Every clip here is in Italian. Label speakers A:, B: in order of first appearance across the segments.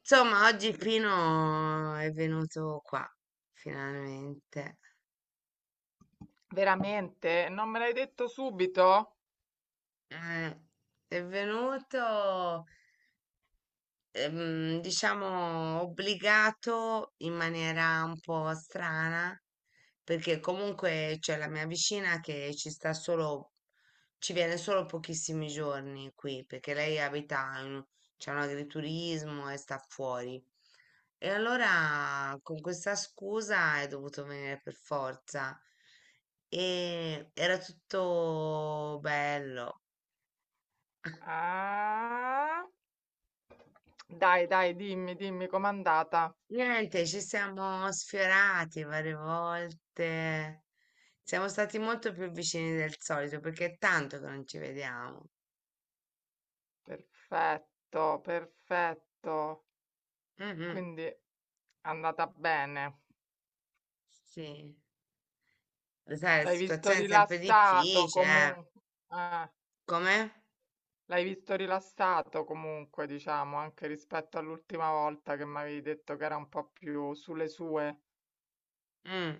A: Insomma, oggi Pino è venuto qua, finalmente.
B: Veramente? Non me l'hai detto subito?
A: Eh, è venuto, diciamo, obbligato in maniera un po' strana, perché comunque c'è la mia vicina che ci sta solo, ci viene solo pochissimi giorni qui, perché lei abita in, c'è un agriturismo e sta fuori. E allora con questa scusa è dovuto venire per forza. E era tutto bello.
B: Ah, dai, dai, dimmi, dimmi com'è andata.
A: Niente, ci siamo sfiorati varie volte. Siamo stati molto più vicini del solito perché è tanto che non ci vediamo.
B: Perfetto, perfetto.
A: Mhm.
B: Quindi è andata bene.
A: Sì, lo sai, la
B: L'hai visto
A: situazione è sempre
B: rilassato
A: difficile, eh.
B: comunque.
A: Come?
B: L'hai visto rilassato comunque, diciamo, anche rispetto all'ultima volta che mi avevi detto che era un po' più sulle sue.
A: Mm.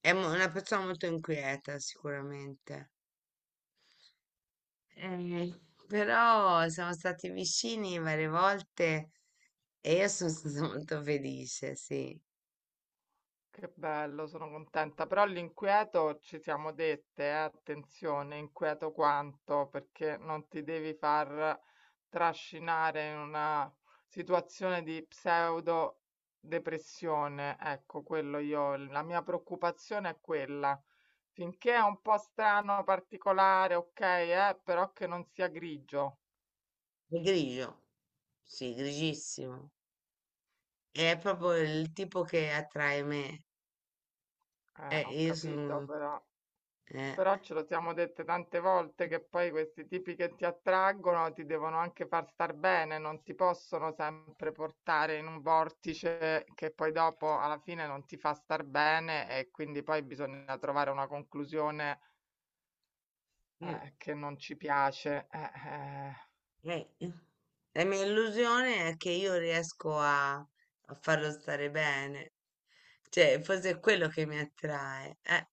A: Una persona molto inquieta, sicuramente. Eh, però siamo stati vicini varie volte e io sono stata molto felice, sì.
B: Che bello, sono contenta, però l'inquieto ci siamo dette, attenzione, inquieto quanto, perché non ti devi far trascinare in una situazione di pseudo depressione. Ecco, quello io, la mia preoccupazione è quella. Finché è un po' strano, particolare, ok, però che non sia grigio.
A: E grigio, sì, grigissimo. È proprio il tipo che attrae me.
B: Ho
A: Io
B: capito,
A: sono...
B: però.
A: eh,
B: Però ce lo siamo dette tante volte che poi questi tipi che ti attraggono ti devono anche far star bene, non ti possono sempre portare in un vortice che poi dopo alla fine non ti fa star bene e quindi poi bisogna trovare una conclusione
A: mm,
B: che non ci piace. Eh.
A: eh. La mia illusione è che io riesco a farlo stare bene. Cioè, forse è quello che mi attrae.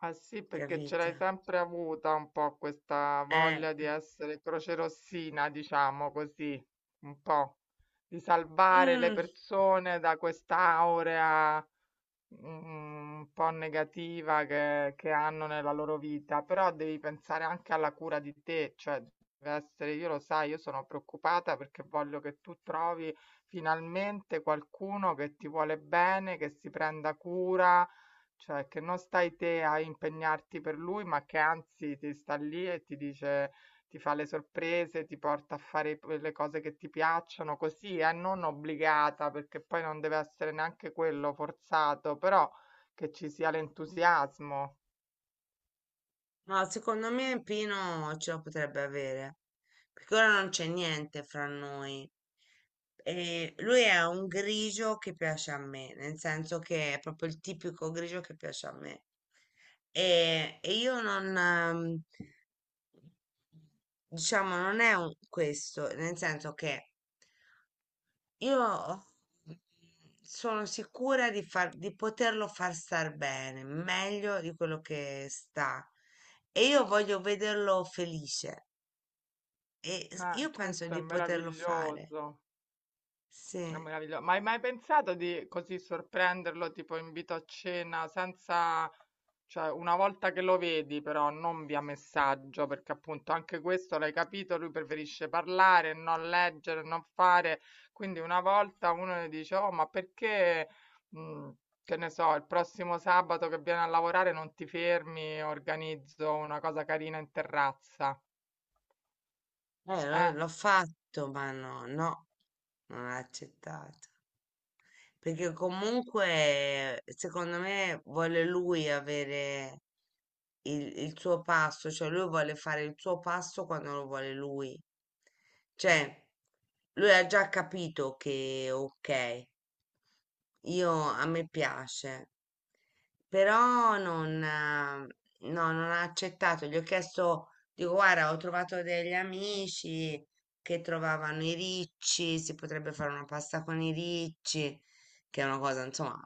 B: Ah sì, perché ce
A: Capito?
B: l'hai sempre avuta un po' questa
A: Eh.
B: voglia di essere crocerossina, diciamo così, un po' di salvare le
A: Mm.
B: persone da quest'aurea mm, un po' negativa che hanno nella loro vita, però devi pensare anche alla cura di te, cioè deve essere, io lo sai, io sono preoccupata perché voglio che tu trovi finalmente qualcuno che ti vuole bene, che si prenda cura, cioè che non stai te a impegnarti per lui, ma che anzi ti sta lì e ti dice ti fa le sorprese, ti porta a fare le cose che ti piacciono, così, non obbligata, perché poi non deve essere neanche quello forzato, però che ci sia l'entusiasmo.
A: No, secondo me Pino ce la potrebbe avere, perché ora non c'è niente fra noi. E lui è un grigio che piace a me, nel senso che è proprio il tipico grigio che piace a me. E io non, diciamo, non è un- questo, nel senso che io sono sicura di, di poterlo far star bene, meglio di quello che sta. E io voglio vederlo felice. Io penso
B: Questo è
A: di poterlo fare.
B: meraviglioso.
A: Sì.
B: È meraviglioso. Ma hai mai pensato di così sorprenderlo, tipo invito a cena, senza... Cioè, una volta che lo vedi, però, non via messaggio, perché appunto anche questo l'hai capito, lui preferisce parlare, non leggere, non fare. Quindi una volta uno gli dice, oh, ma perché, mh, che ne so, il prossimo sabato che viene a lavorare non ti fermi, organizzo una cosa carina in terrazza.
A: L'ho
B: Eh,
A: l'ho fatto, ma no, no, non l'ho accettato. Perché comunque, secondo me, vuole lui avere il suo passo, cioè lui vuole fare il suo passo quando lo vuole lui.
B: mm,
A: Cioè, lui ha già capito che, ok, io a me piace, però non, no, non ha accettato. Gli ho chiesto, dico, guarda, ho trovato degli amici che trovavano i ricci, si potrebbe fare una pasta con i ricci, che è una cosa, insomma,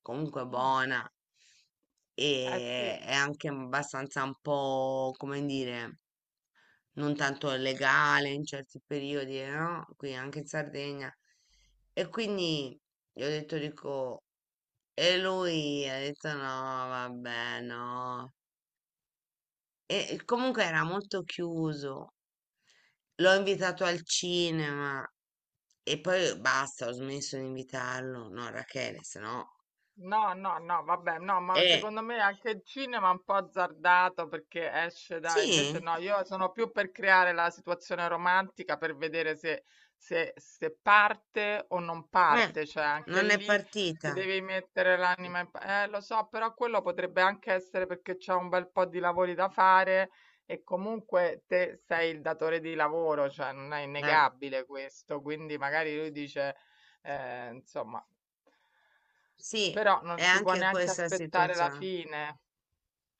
A: comunque
B: mm,
A: buona
B: eh
A: e
B: sì.
A: è anche abbastanza un po', come dire, non tanto legale in certi periodi, no? Qui anche in Sardegna. E quindi gli ho detto, dico, e lui ha detto no, vabbè, no. E comunque era molto chiuso. L'ho invitato al cinema e poi basta, ho smesso di invitarlo. No, Rachele, se no.
B: No, no, no, vabbè, no, ma
A: Eh,
B: secondo me anche il cinema è un po' azzardato perché esce da... Invece
A: sì,
B: no, io sono più per creare la situazione romantica per vedere se parte o non
A: eh,
B: parte, cioè anche
A: non è
B: lì
A: partita.
B: ti devi mettere l'anima in... lo so, però quello potrebbe anche essere perché c'è un bel po' di lavori da fare e comunque te sei il datore di lavoro, cioè non è
A: Eh,
B: innegabile questo, quindi magari lui dice... insomma,
A: sì,
B: però
A: è
B: non si può
A: anche
B: neanche
A: questa
B: aspettare la
A: situazione.
B: fine.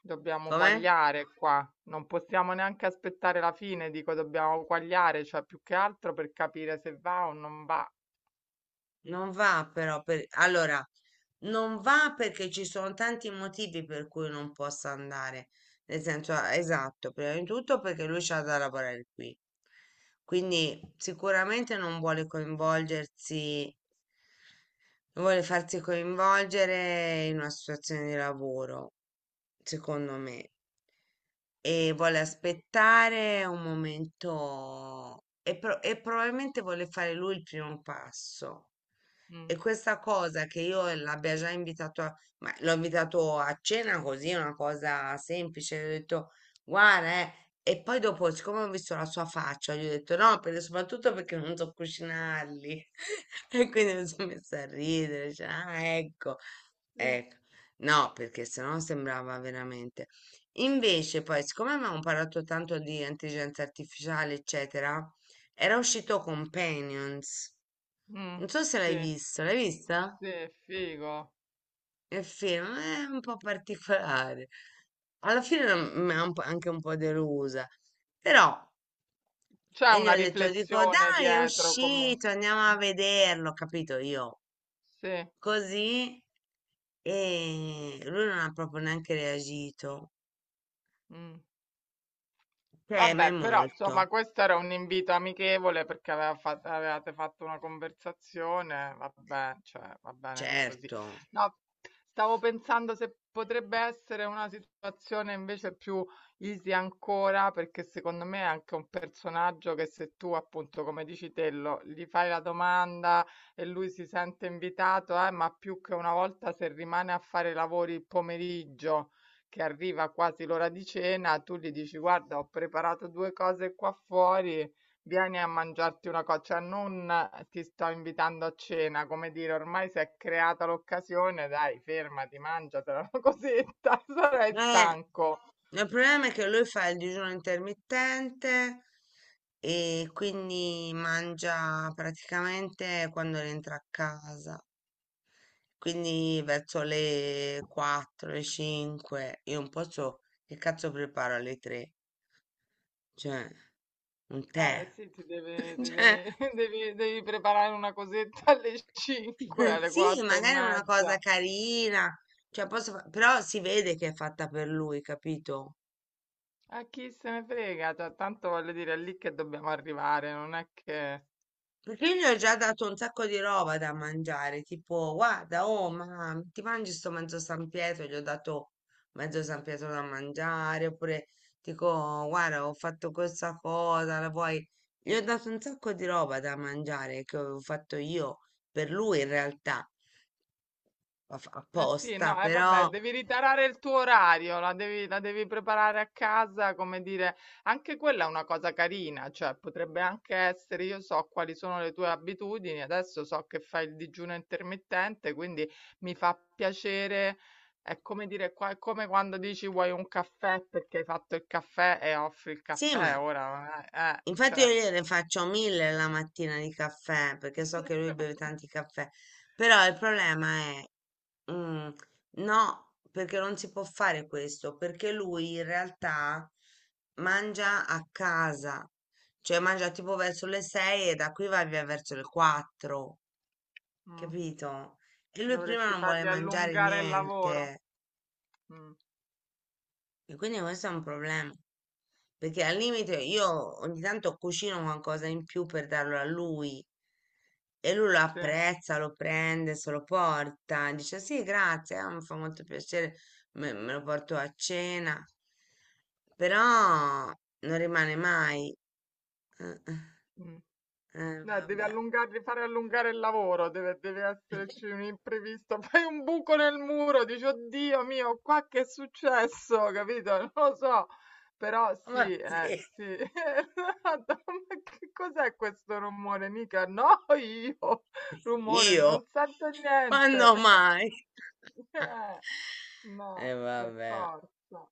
B: Dobbiamo
A: Com'è?
B: quagliare qua. Non possiamo neanche aspettare la fine, dico dobbiamo quagliare, cioè più che altro per capire se va o non va.
A: Non va però per... Allora, non va perché ci sono tanti motivi per cui non possa andare. Nel senso, ah, esatto, prima di tutto perché lui c'ha da lavorare qui. Quindi sicuramente non vuole coinvolgersi, non vuole farsi coinvolgere in una situazione di lavoro, secondo me, e vuole aspettare un momento e, e probabilmente vuole fare lui il primo passo. E
B: Mm,
A: questa cosa che io l'abbia già ma l'ho invitato a cena così, una cosa semplice, gli ho detto, guarda, e poi dopo, siccome ho visto la sua faccia, gli ho detto no, soprattutto perché non so cucinarli. E quindi mi sono messa a ridere, cioè, ah, ecco, ecco. No, perché sennò sembrava veramente. Invece poi, siccome avevamo parlato tanto di intelligenza artificiale, eccetera, era uscito Companions.
B: mm,
A: Non so se l'hai
B: sì,
A: visto, l'hai vista?
B: sì, figo.
A: Il film è un po' particolare. Alla fine mi ha un po' anche un po' delusa, però.
B: C'è
A: E gli
B: una
A: ho detto, dico,
B: riflessione
A: dai, è
B: dietro comunque.
A: uscito, andiamo a vederlo, capito io?
B: Sì.
A: Così. E lui non ha proprio neanche reagito.
B: Mm.
A: Teme
B: Vabbè, però
A: molto,
B: insomma questo era un invito amichevole perché aveva avevate fatto una conversazione, vabbè, cioè, va bene così.
A: certo.
B: No, stavo pensando se potrebbe essere una situazione invece più easy ancora, perché secondo me è anche un personaggio che se tu appunto, come dici te, gli fai la domanda e lui si sente invitato, ma più che una volta se rimane a fare lavori il pomeriggio che arriva quasi l'ora di cena, tu gli dici: "Guarda, ho preparato 2 cose qua fuori, vieni a mangiarti una co," cioè non "ti sto invitando a cena," come dire ormai s'è creata l'occasione, dai fermati, mangiatela una cosetta, sarai
A: Eh,
B: stanco.
A: il problema è che lui fa il digiuno intermittente e quindi mangia praticamente quando rientra a casa. Quindi verso le 4, le 5, io non posso, che cazzo preparo alle 3? Cioè, un
B: Eh
A: tè.
B: sì, ti deve ti
A: Cioè,
B: devi devi preparare una cosetta alle 5, alle
A: sì,
B: 4 e
A: magari è una cosa
B: mezza.
A: carina, cioè però si vede che è fatta per lui, capito?
B: A chi se ne frega, cioè tanto voglio dire è lì che dobbiamo arrivare, non è che...
A: Perché io gli ho già dato un sacco di roba da mangiare, tipo, guarda, oh, ma ti mangi sto mezzo San Pietro? Gli ho dato mezzo San Pietro da mangiare, oppure dico, guarda, ho fatto questa cosa, la vuoi? Gli ho dato un sacco di roba da mangiare che avevo fatto io per lui in realtà,
B: Eh sì,
A: apposta,
B: no, e vabbè,
A: però.
B: devi ritarare il tuo orario, la devi preparare a casa, come dire, anche quella è una cosa carina, cioè potrebbe anche essere, io so quali sono le tue abitudini, adesso so che fai il digiuno intermittente, quindi mi fa piacere, è come dire, è come quando dici vuoi un caffè perché hai fatto il caffè e offri il
A: Sì,
B: caffè,
A: ma
B: ora,
A: infatti io
B: cioè,
A: gliene faccio mille la mattina di caffè, perché so che lui beve tanti caffè, però il problema è, mm, no, perché non si può fare questo, perché lui in realtà mangia a casa, cioè mangia tipo verso le 6 e da qui va via verso le 4,
B: Mm,
A: capito? E lui prima
B: dovresti
A: non vuole
B: fargli
A: mangiare
B: allungare il lavoro.
A: niente.
B: Mm,
A: E quindi questo è un problema, perché al limite io ogni tanto cucino qualcosa in più per darlo a lui e lui lo
B: sì.
A: apprezza, lo prende, se lo porta, dice sì, grazie, mi fa molto piacere, me lo porto a cena, però non rimane mai. Eh,
B: Mh. No, devi
A: vabbè.
B: allungarli fare allungare il lavoro, deve esserci un imprevisto, fai un buco nel muro, dici: "Oddio mio, qua che è successo?" Capito? Non lo so, però
A: Ma
B: sì,
A: sì,
B: sì. Esatto, ma che cos'è questo rumore? Mica no io, rumore,
A: io,
B: non sento
A: quando
B: niente.
A: mai?
B: Eh,
A: E
B: no, per
A: vabbè.
B: forza.